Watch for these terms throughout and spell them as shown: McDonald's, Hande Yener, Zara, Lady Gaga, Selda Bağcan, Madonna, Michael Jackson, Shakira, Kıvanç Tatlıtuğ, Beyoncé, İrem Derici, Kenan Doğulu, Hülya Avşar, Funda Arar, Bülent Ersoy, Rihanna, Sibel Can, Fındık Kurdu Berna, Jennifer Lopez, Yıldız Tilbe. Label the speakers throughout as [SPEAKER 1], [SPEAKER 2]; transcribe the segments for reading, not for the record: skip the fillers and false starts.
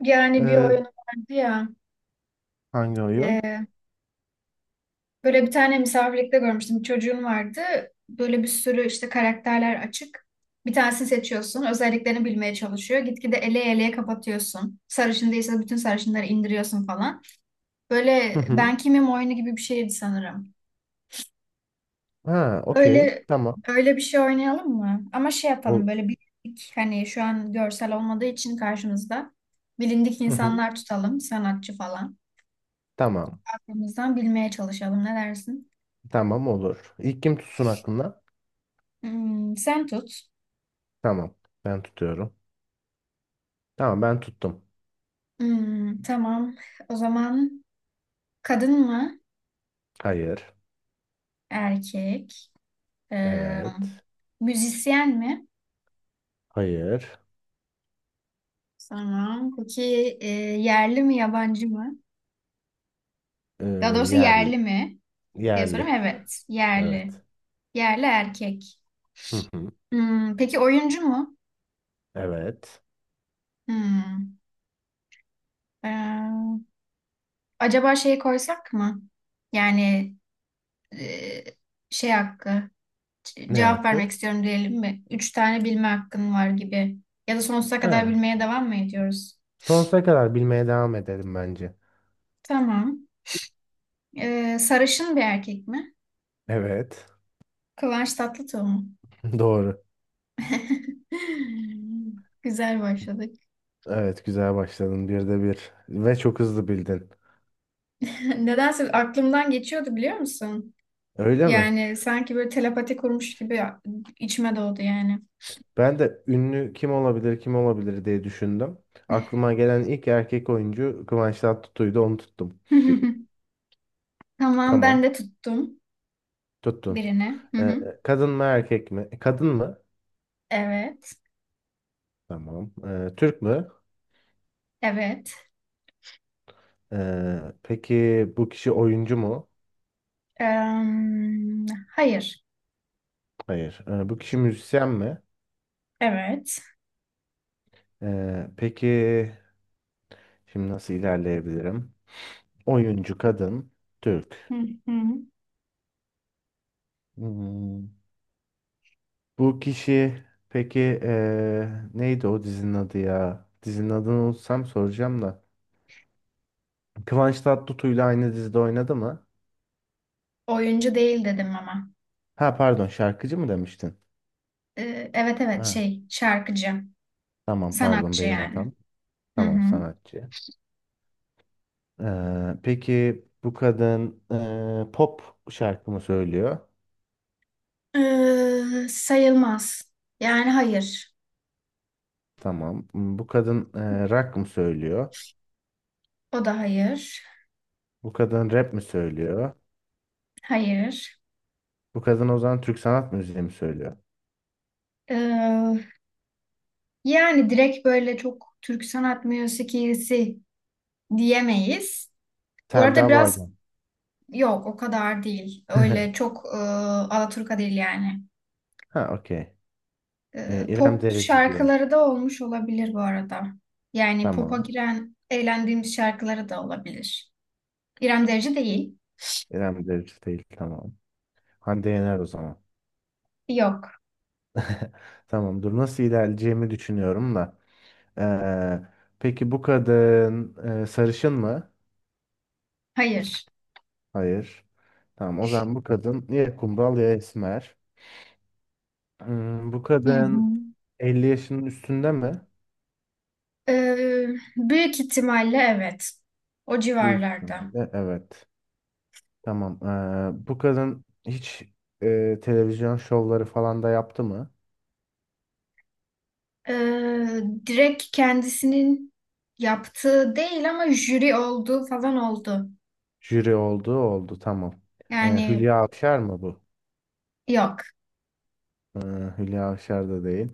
[SPEAKER 1] Yani bir
[SPEAKER 2] Ee,
[SPEAKER 1] oyun vardı ya.
[SPEAKER 2] hangi oyun?
[SPEAKER 1] e, Böyle bir tane misafirlikte görmüştüm. Bir çocuğun vardı. Böyle bir sürü işte karakterler açık. Bir tanesini seçiyorsun. Özelliklerini bilmeye çalışıyor. Gitgide eleye eleye kapatıyorsun. Sarışın değilse bütün sarışınları indiriyorsun falan.
[SPEAKER 2] Hı
[SPEAKER 1] Böyle
[SPEAKER 2] hı.
[SPEAKER 1] ben kimim oyunu gibi bir şeydi sanırım.
[SPEAKER 2] Ha, okey.
[SPEAKER 1] Öyle
[SPEAKER 2] Tamam.
[SPEAKER 1] öyle bir şey oynayalım mı? Ama şey yapalım
[SPEAKER 2] Ol-
[SPEAKER 1] böyle bilindik hani şu an görsel olmadığı için karşımızda bilindik
[SPEAKER 2] Hı hı.
[SPEAKER 1] insanlar tutalım sanatçı falan.
[SPEAKER 2] Tamam.
[SPEAKER 1] Aklımızdan bilmeye çalışalım ne dersin?
[SPEAKER 2] Tamam olur. İlk kim tutsun aklına?
[SPEAKER 1] Hmm, sen tut.
[SPEAKER 2] Tamam. Ben tutuyorum. Tamam ben tuttum.
[SPEAKER 1] Hmm, tamam. O zaman kadın mı?
[SPEAKER 2] Hayır.
[SPEAKER 1] Erkek. Ee,
[SPEAKER 2] Evet.
[SPEAKER 1] Müzisyen mi?
[SPEAKER 2] Hayır.
[SPEAKER 1] Tamam. Peki e, yerli mi yabancı mı?
[SPEAKER 2] Ee,
[SPEAKER 1] Daha doğrusu
[SPEAKER 2] yer,
[SPEAKER 1] yerli mi diye sorayım.
[SPEAKER 2] yerli.
[SPEAKER 1] Evet. Yerli.
[SPEAKER 2] Evet.
[SPEAKER 1] Yerli erkek.
[SPEAKER 2] Hı hı.
[SPEAKER 1] Hmm, peki oyuncu mu?
[SPEAKER 2] Evet.
[SPEAKER 1] Hmm, ee, Acaba şey koysak mı? Yani e, şey hakkı.
[SPEAKER 2] Ne
[SPEAKER 1] Cevap vermek
[SPEAKER 2] hakkı?
[SPEAKER 1] istiyorum diyelim mi? Üç tane bilme hakkın var gibi. Ya da sonsuza kadar
[SPEAKER 2] Ha.
[SPEAKER 1] bilmeye devam mı ediyoruz?
[SPEAKER 2] Sonsuza kadar bilmeye devam edelim bence.
[SPEAKER 1] Tamam. Sarışın bir erkek mi?
[SPEAKER 2] Evet.
[SPEAKER 1] Kıvanç Tatlıtuğ mu?
[SPEAKER 2] Doğru.
[SPEAKER 1] Güzel başladık.
[SPEAKER 2] Evet, güzel başladın. Bir de bir. Ve çok hızlı bildin.
[SPEAKER 1] Nedense aklımdan geçiyordu biliyor musun?
[SPEAKER 2] Öyle mi?
[SPEAKER 1] Yani sanki böyle telepati kurmuş gibi içime doğdu yani.
[SPEAKER 2] Ben de ünlü kim olabilir kim olabilir diye düşündüm. Aklıma gelen ilk erkek oyuncu Kıvanç Tatlıtuğ'ydu, onu tuttum.
[SPEAKER 1] Tamam ben
[SPEAKER 2] Tamam,
[SPEAKER 1] de tuttum
[SPEAKER 2] tuttun.
[SPEAKER 1] birini. Hı
[SPEAKER 2] Ee,
[SPEAKER 1] hı.
[SPEAKER 2] kadın mı erkek mi? Kadın mı?
[SPEAKER 1] Evet.
[SPEAKER 2] Tamam. Türk mü?
[SPEAKER 1] Evet.
[SPEAKER 2] Peki bu kişi oyuncu mu?
[SPEAKER 1] Em, hayır.
[SPEAKER 2] Hayır. Bu kişi müzisyen mi?
[SPEAKER 1] Evet.
[SPEAKER 2] Peki şimdi nasıl ilerleyebilirim? Oyuncu, kadın, Türk.
[SPEAKER 1] Hı hı.
[SPEAKER 2] Hmm. Bu kişi peki neydi o dizinin adı ya? Dizinin adını unutsam soracağım da. Kıvanç Tatlıtuğ'yla aynı dizide oynadı mı?
[SPEAKER 1] Oyuncu değil dedim ama.
[SPEAKER 2] Ha, pardon, şarkıcı mı demiştin?
[SPEAKER 1] Evet evet
[SPEAKER 2] Ha,
[SPEAKER 1] şey şarkıcı.
[SPEAKER 2] tamam, pardon,
[SPEAKER 1] Sanatçı
[SPEAKER 2] benim
[SPEAKER 1] yani.
[SPEAKER 2] hatam.
[SPEAKER 1] Hı hı.
[SPEAKER 2] Tamam, sanatçı. Peki bu kadın pop şarkı mı söylüyor?
[SPEAKER 1] Sayılmaz. Yani hayır.
[SPEAKER 2] Tamam. Bu kadın rock mı söylüyor?
[SPEAKER 1] O da hayır.
[SPEAKER 2] Bu kadın rap mi söylüyor?
[SPEAKER 1] Hayır.
[SPEAKER 2] Bu kadın o zaman Türk sanat müziği mi söylüyor?
[SPEAKER 1] Ee, yani direkt böyle çok Türk sanat müziğisi diyemeyiz. Bu arada
[SPEAKER 2] Selda
[SPEAKER 1] biraz
[SPEAKER 2] Bağcan.
[SPEAKER 1] yok o kadar değil. Öyle çok Alaturka değil yani.
[SPEAKER 2] Ha, okey. İrem
[SPEAKER 1] Pop
[SPEAKER 2] Derici diyor.
[SPEAKER 1] şarkıları da olmuş olabilir bu arada. Yani pop'a
[SPEAKER 2] Tamam.
[SPEAKER 1] giren eğlendiğimiz şarkıları da olabilir. İrem Derici değil.
[SPEAKER 2] İrem Derici değil. Tamam. Hande Yener o zaman.
[SPEAKER 1] Yok.
[SPEAKER 2] Tamam. Dur, nasıl ilerleyeceğimi düşünüyorum da. Ee, peki bu kadın sarışın mı?
[SPEAKER 1] Hayır.
[SPEAKER 2] Hayır. Tamam. O zaman bu kadın ya kumral ya esmer. Bu
[SPEAKER 1] Hı hı.
[SPEAKER 2] kadın 50 yaşının üstünde mi?
[SPEAKER 1] Ee, büyük ihtimalle evet. O
[SPEAKER 2] Büyük
[SPEAKER 1] civarlarda.
[SPEAKER 2] ihtimalle. Evet. Tamam. Bu kadın hiç televizyon şovları falan da yaptı mı?
[SPEAKER 1] Ee, direkt kendisinin yaptığı değil ama jüri olduğu falan oldu.
[SPEAKER 2] Jüri oldu oldu. Tamam.
[SPEAKER 1] Yani
[SPEAKER 2] Hülya Avşar mı bu?
[SPEAKER 1] yok.
[SPEAKER 2] Ee, Hülya Avşar da değil.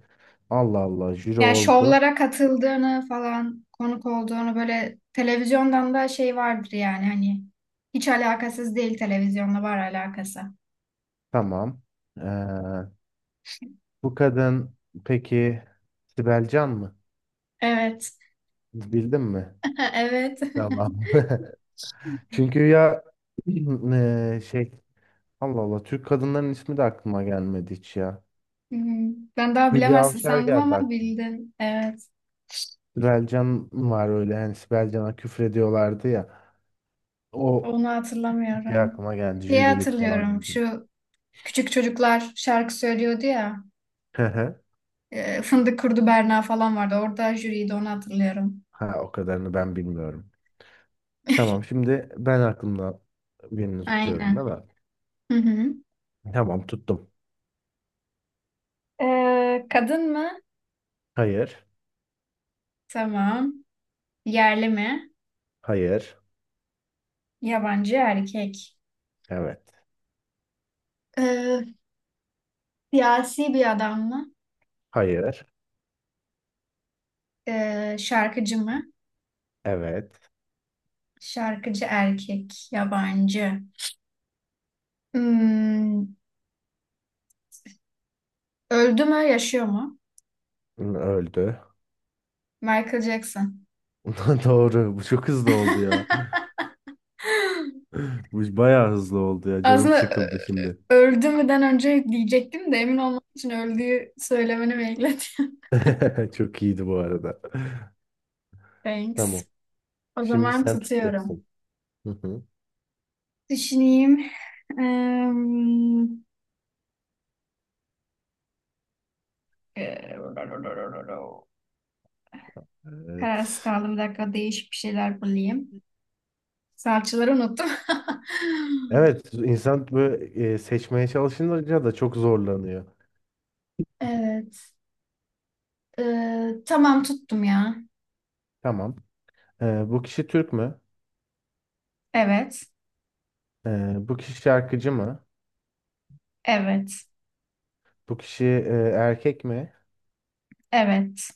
[SPEAKER 2] Allah Allah, jüri
[SPEAKER 1] Yani
[SPEAKER 2] oldu.
[SPEAKER 1] şovlara katıldığını falan konuk olduğunu böyle televizyondan da şey vardır yani hani hiç alakasız değil televizyonla var alakası.
[SPEAKER 2] Tamam. Ee, bu kadın peki Sibel Can mı?
[SPEAKER 1] Evet.
[SPEAKER 2] Bildin mi?
[SPEAKER 1] Evet.
[SPEAKER 2] Tamam. Çünkü ya şey, Allah Allah, Türk kadınların ismi de aklıma gelmedi hiç ya.
[SPEAKER 1] Hı hı. Ben daha
[SPEAKER 2] Hülya
[SPEAKER 1] bilemezsin
[SPEAKER 2] Avşar
[SPEAKER 1] sandım
[SPEAKER 2] geldi
[SPEAKER 1] ama
[SPEAKER 2] aklıma.
[SPEAKER 1] bildin. Evet.
[SPEAKER 2] Sibel Can var, öyle hani Sibel Can'a küfrediyorlardı ya. O
[SPEAKER 1] Onu
[SPEAKER 2] şey
[SPEAKER 1] hatırlamıyorum.
[SPEAKER 2] aklıma geldi,
[SPEAKER 1] Şeyi
[SPEAKER 2] jürilik falan
[SPEAKER 1] hatırlıyorum.
[SPEAKER 2] önce.
[SPEAKER 1] Şu küçük çocuklar şarkı söylüyordu ya. Fındık Kurdu Berna falan vardı. Orada jüriydi onu hatırlıyorum.
[SPEAKER 2] Ha, o kadarını ben bilmiyorum. Tamam, şimdi ben aklımda birini tutuyorum değil
[SPEAKER 1] Aynen.
[SPEAKER 2] mi?
[SPEAKER 1] Hı hı.
[SPEAKER 2] Tamam, tuttum.
[SPEAKER 1] Kadın mı?
[SPEAKER 2] Hayır.
[SPEAKER 1] Tamam. Yerli mi?
[SPEAKER 2] Hayır.
[SPEAKER 1] Yabancı erkek.
[SPEAKER 2] Evet.
[SPEAKER 1] Ee, siyasi bir adam mı?
[SPEAKER 2] Hayır.
[SPEAKER 1] Şarkıcı mı?
[SPEAKER 2] Evet.
[SPEAKER 1] Şarkıcı erkek. Yabancı. Hmm, öldü mü? Yaşıyor mu?
[SPEAKER 2] Öldü.
[SPEAKER 1] Michael Jackson.
[SPEAKER 2] Doğru. Bu çok hızlı oldu ya. Bu bayağı hızlı oldu ya. Canım
[SPEAKER 1] Aslında
[SPEAKER 2] sıkıldı şimdi.
[SPEAKER 1] öldü müden önce diyecektim de emin olmak için öldüğü söylemeni bekledim.
[SPEAKER 2] Çok iyiydi bu arada.
[SPEAKER 1] Thanks.
[SPEAKER 2] Tamam.
[SPEAKER 1] O
[SPEAKER 2] Şimdi
[SPEAKER 1] zaman
[SPEAKER 2] sen
[SPEAKER 1] tutuyorum.
[SPEAKER 2] tutacaksın. Hı hı.
[SPEAKER 1] Düşüneyim. Eee, eee,
[SPEAKER 2] Evet.
[SPEAKER 1] Kararsız kaldım. Bir dakika değişik bir şeyler bulayım. Salçaları unuttum.
[SPEAKER 2] Evet. insan böyle seçmeye çalışınca da çok zorlanıyor.
[SPEAKER 1] Evet. Tamam tuttum ya.
[SPEAKER 2] Tamam. E, bu kişi Türk mü?
[SPEAKER 1] Evet.
[SPEAKER 2] E, bu kişi şarkıcı mı?
[SPEAKER 1] Evet.
[SPEAKER 2] Bu kişi erkek mi?
[SPEAKER 1] Evet.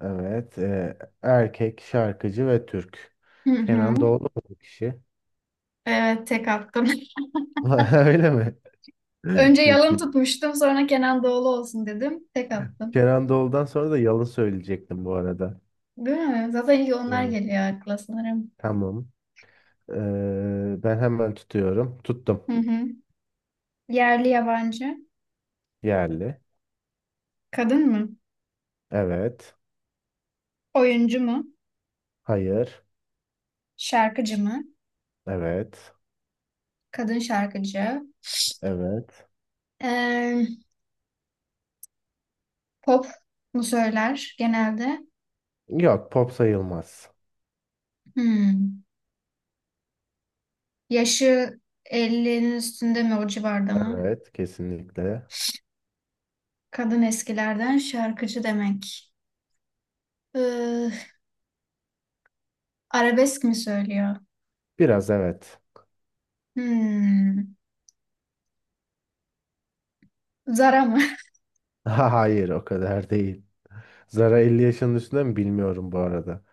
[SPEAKER 2] Evet. Erkek, şarkıcı ve Türk.
[SPEAKER 1] Hı
[SPEAKER 2] Kenan
[SPEAKER 1] hı.
[SPEAKER 2] Doğulu mu bu kişi?
[SPEAKER 1] Evet tek attım.
[SPEAKER 2] Öyle mi?
[SPEAKER 1] Önce
[SPEAKER 2] Çok
[SPEAKER 1] yalın
[SPEAKER 2] iyi.
[SPEAKER 1] tutmuştum sonra Kenan Doğulu olsun dedim. Tek attım.
[SPEAKER 2] Kenan Doğulu'dan sonra da yalan söyleyecektim bu arada.
[SPEAKER 1] Değil mi? Zaten ilk onlar
[SPEAKER 2] Evet.
[SPEAKER 1] geliyor akla sanırım.
[SPEAKER 2] Tamam. Ben hemen tutuyorum. Tuttum.
[SPEAKER 1] Hı hı. Yerli yabancı.
[SPEAKER 2] Yerli.
[SPEAKER 1] Kadın mı?
[SPEAKER 2] Evet.
[SPEAKER 1] Oyuncu mu?
[SPEAKER 2] Hayır.
[SPEAKER 1] Şarkıcı mı?
[SPEAKER 2] Evet.
[SPEAKER 1] Kadın şarkıcı.
[SPEAKER 2] Evet.
[SPEAKER 1] Ee, pop mu söyler genelde?
[SPEAKER 2] Yok, pop sayılmaz.
[SPEAKER 1] Hmm. Yaşı elli'nin üstünde mi o civarda mı?
[SPEAKER 2] Evet, kesinlikle.
[SPEAKER 1] Kadın eskilerden şarkıcı demek. Ee, arabesk mi söylüyor?
[SPEAKER 2] Biraz evet.
[SPEAKER 1] Hmm. Zara mı?
[SPEAKER 2] Hayır, o kadar değil. Zara 50 yaşının üstünde mi bilmiyorum bu arada.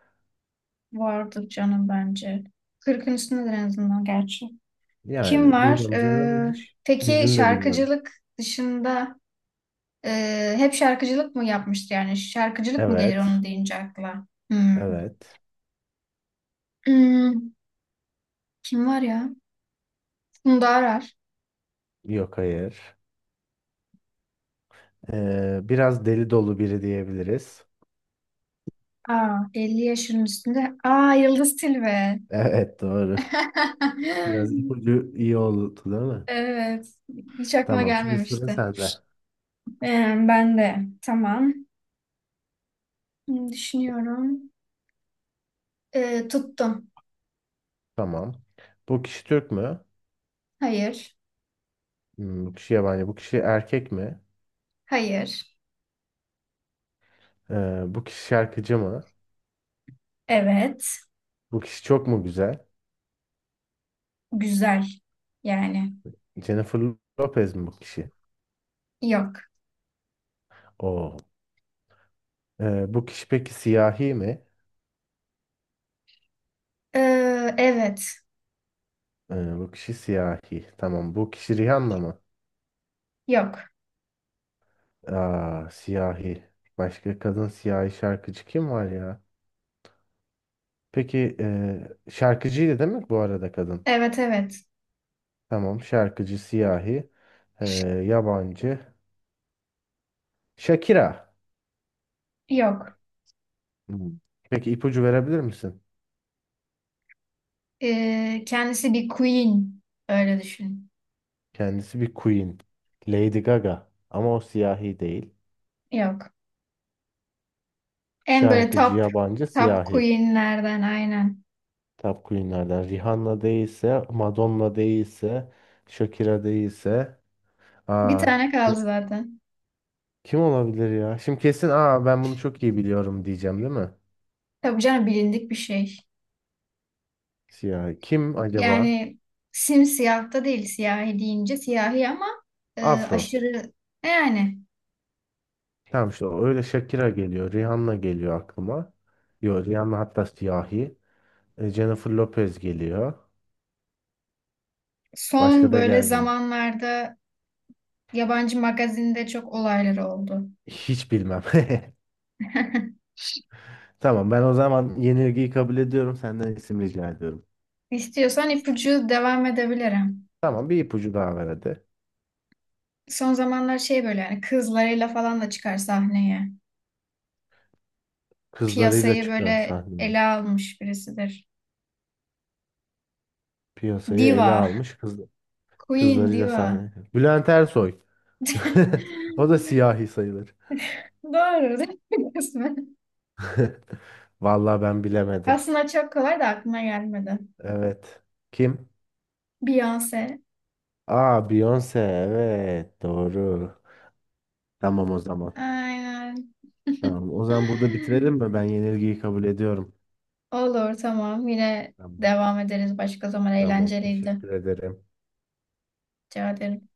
[SPEAKER 1] Vardır canım bence. 40'ın üstündedir en azından gerçi. Kim
[SPEAKER 2] Yani
[SPEAKER 1] var?
[SPEAKER 2] bilmiyorum, zaten hiç
[SPEAKER 1] Peki
[SPEAKER 2] yüzünü de bilmiyorum.
[SPEAKER 1] şarkıcılık dışında hep şarkıcılık mı yapmıştı yani? Şarkıcılık mı gelir onun
[SPEAKER 2] Evet.
[SPEAKER 1] deyince akla? Hmm.
[SPEAKER 2] Evet.
[SPEAKER 1] Hmm, kim var ya? Funda Arar.
[SPEAKER 2] Yok, hayır. Biraz deli dolu biri diyebiliriz.
[SPEAKER 1] Aa, 50 yaşının üstünde. Aa, Yıldız Tilbe.
[SPEAKER 2] Evet, doğru. Biraz ipucu iyi oldu değil mi?
[SPEAKER 1] Evet. Hiç aklıma
[SPEAKER 2] Tamam, şimdi sıra
[SPEAKER 1] gelmemişti.
[SPEAKER 2] sende.
[SPEAKER 1] Ben de. Tamam. Hmm, düşünüyorum. Tuttum.
[SPEAKER 2] Tamam. Bu kişi Türk mü?
[SPEAKER 1] Hayır.
[SPEAKER 2] Bu kişi yabancı. Bu kişi erkek mi?
[SPEAKER 1] Hayır.
[SPEAKER 2] Bu kişi şarkıcı mı?
[SPEAKER 1] Evet.
[SPEAKER 2] Bu kişi çok mu güzel?
[SPEAKER 1] Güzel. Yani.
[SPEAKER 2] Jennifer Lopez mi bu kişi?
[SPEAKER 1] Yok.
[SPEAKER 2] Oo. Bu kişi peki siyahi mi?
[SPEAKER 1] Ee, evet.
[SPEAKER 2] Bu kişi siyahi. Tamam. Bu kişi Rihanna mı?
[SPEAKER 1] Yok.
[SPEAKER 2] Aa, siyahi. Başka kadın siyahi şarkıcı kim var ya? Peki şarkıcıydı değil mi bu arada, kadın?
[SPEAKER 1] Evet evet.
[SPEAKER 2] Tamam, şarkıcı, siyahi, eee, yabancı. Shakira.
[SPEAKER 1] Yok.
[SPEAKER 2] Hmm. Peki, ipucu verebilir misin?
[SPEAKER 1] Kendisi bir queen. Öyle düşün.
[SPEAKER 2] Kendisi bir queen. Lady Gaga. Ama o siyahi değil.
[SPEAKER 1] Yok. En böyle
[SPEAKER 2] Şarkıcı,
[SPEAKER 1] top
[SPEAKER 2] yabancı,
[SPEAKER 1] top
[SPEAKER 2] siyahi.
[SPEAKER 1] queenlerden aynen.
[SPEAKER 2] Top queenlerden. Rihanna değilse, Madonna değilse, Shakira değilse.
[SPEAKER 1] Bir
[SPEAKER 2] Aa,
[SPEAKER 1] tane kaldı zaten.
[SPEAKER 2] kim olabilir ya? Şimdi kesin "aa, ben bunu çok iyi biliyorum" diyeceğim değil mi?
[SPEAKER 1] Tabii canım bilindik bir şey.
[SPEAKER 2] Siyah. Kim acaba?
[SPEAKER 1] Yani simsiyah da değil siyahi deyince siyahi ama
[SPEAKER 2] Afro.
[SPEAKER 1] aşırı yani
[SPEAKER 2] Tamam, işte o. Öyle Shakira geliyor. Rihanna geliyor aklıma. Yok, Rihanna hatta siyahi. Jennifer Lopez geliyor. Başka
[SPEAKER 1] son
[SPEAKER 2] da
[SPEAKER 1] böyle
[SPEAKER 2] gelmiyor.
[SPEAKER 1] zamanlarda yabancı magazinde çok olayları oldu.
[SPEAKER 2] Hiç bilmem. Tamam, ben o zaman yenilgiyi kabul ediyorum. Senden isim rica ediyorum.
[SPEAKER 1] İstiyorsan ipucu devam edebilirim.
[SPEAKER 2] Tamam, bir ipucu daha ver hadi.
[SPEAKER 1] Son zamanlar şey böyle yani kızlarıyla falan da çıkar sahneye.
[SPEAKER 2] Kızlarıyla
[SPEAKER 1] Piyasayı
[SPEAKER 2] çıkan
[SPEAKER 1] böyle
[SPEAKER 2] sahneye.
[SPEAKER 1] ele almış birisidir.
[SPEAKER 2] Piyasayı ele
[SPEAKER 1] Diva.
[SPEAKER 2] almış
[SPEAKER 1] Queen
[SPEAKER 2] kızlarıyla
[SPEAKER 1] Diva.
[SPEAKER 2] sahne. Bülent Ersoy. O da siyahi sayılır.
[SPEAKER 1] Doğru değil mi kısmen?
[SPEAKER 2] Vallahi ben bilemedim.
[SPEAKER 1] Aslında çok kolay da aklıma gelmedi.
[SPEAKER 2] Evet. Kim?
[SPEAKER 1] Beyoncé.
[SPEAKER 2] Aa, Beyoncé. Evet, doğru. Tamam o zaman.
[SPEAKER 1] Aynen.
[SPEAKER 2] Tamam. O zaman burada bitirelim mi? Ben yenilgiyi kabul ediyorum.
[SPEAKER 1] Olur tamam. Yine
[SPEAKER 2] Tamam.
[SPEAKER 1] devam ederiz başka zaman.
[SPEAKER 2] Tamam.
[SPEAKER 1] Eğlenceliydi.
[SPEAKER 2] Teşekkür ederim.
[SPEAKER 1] Rica ederim.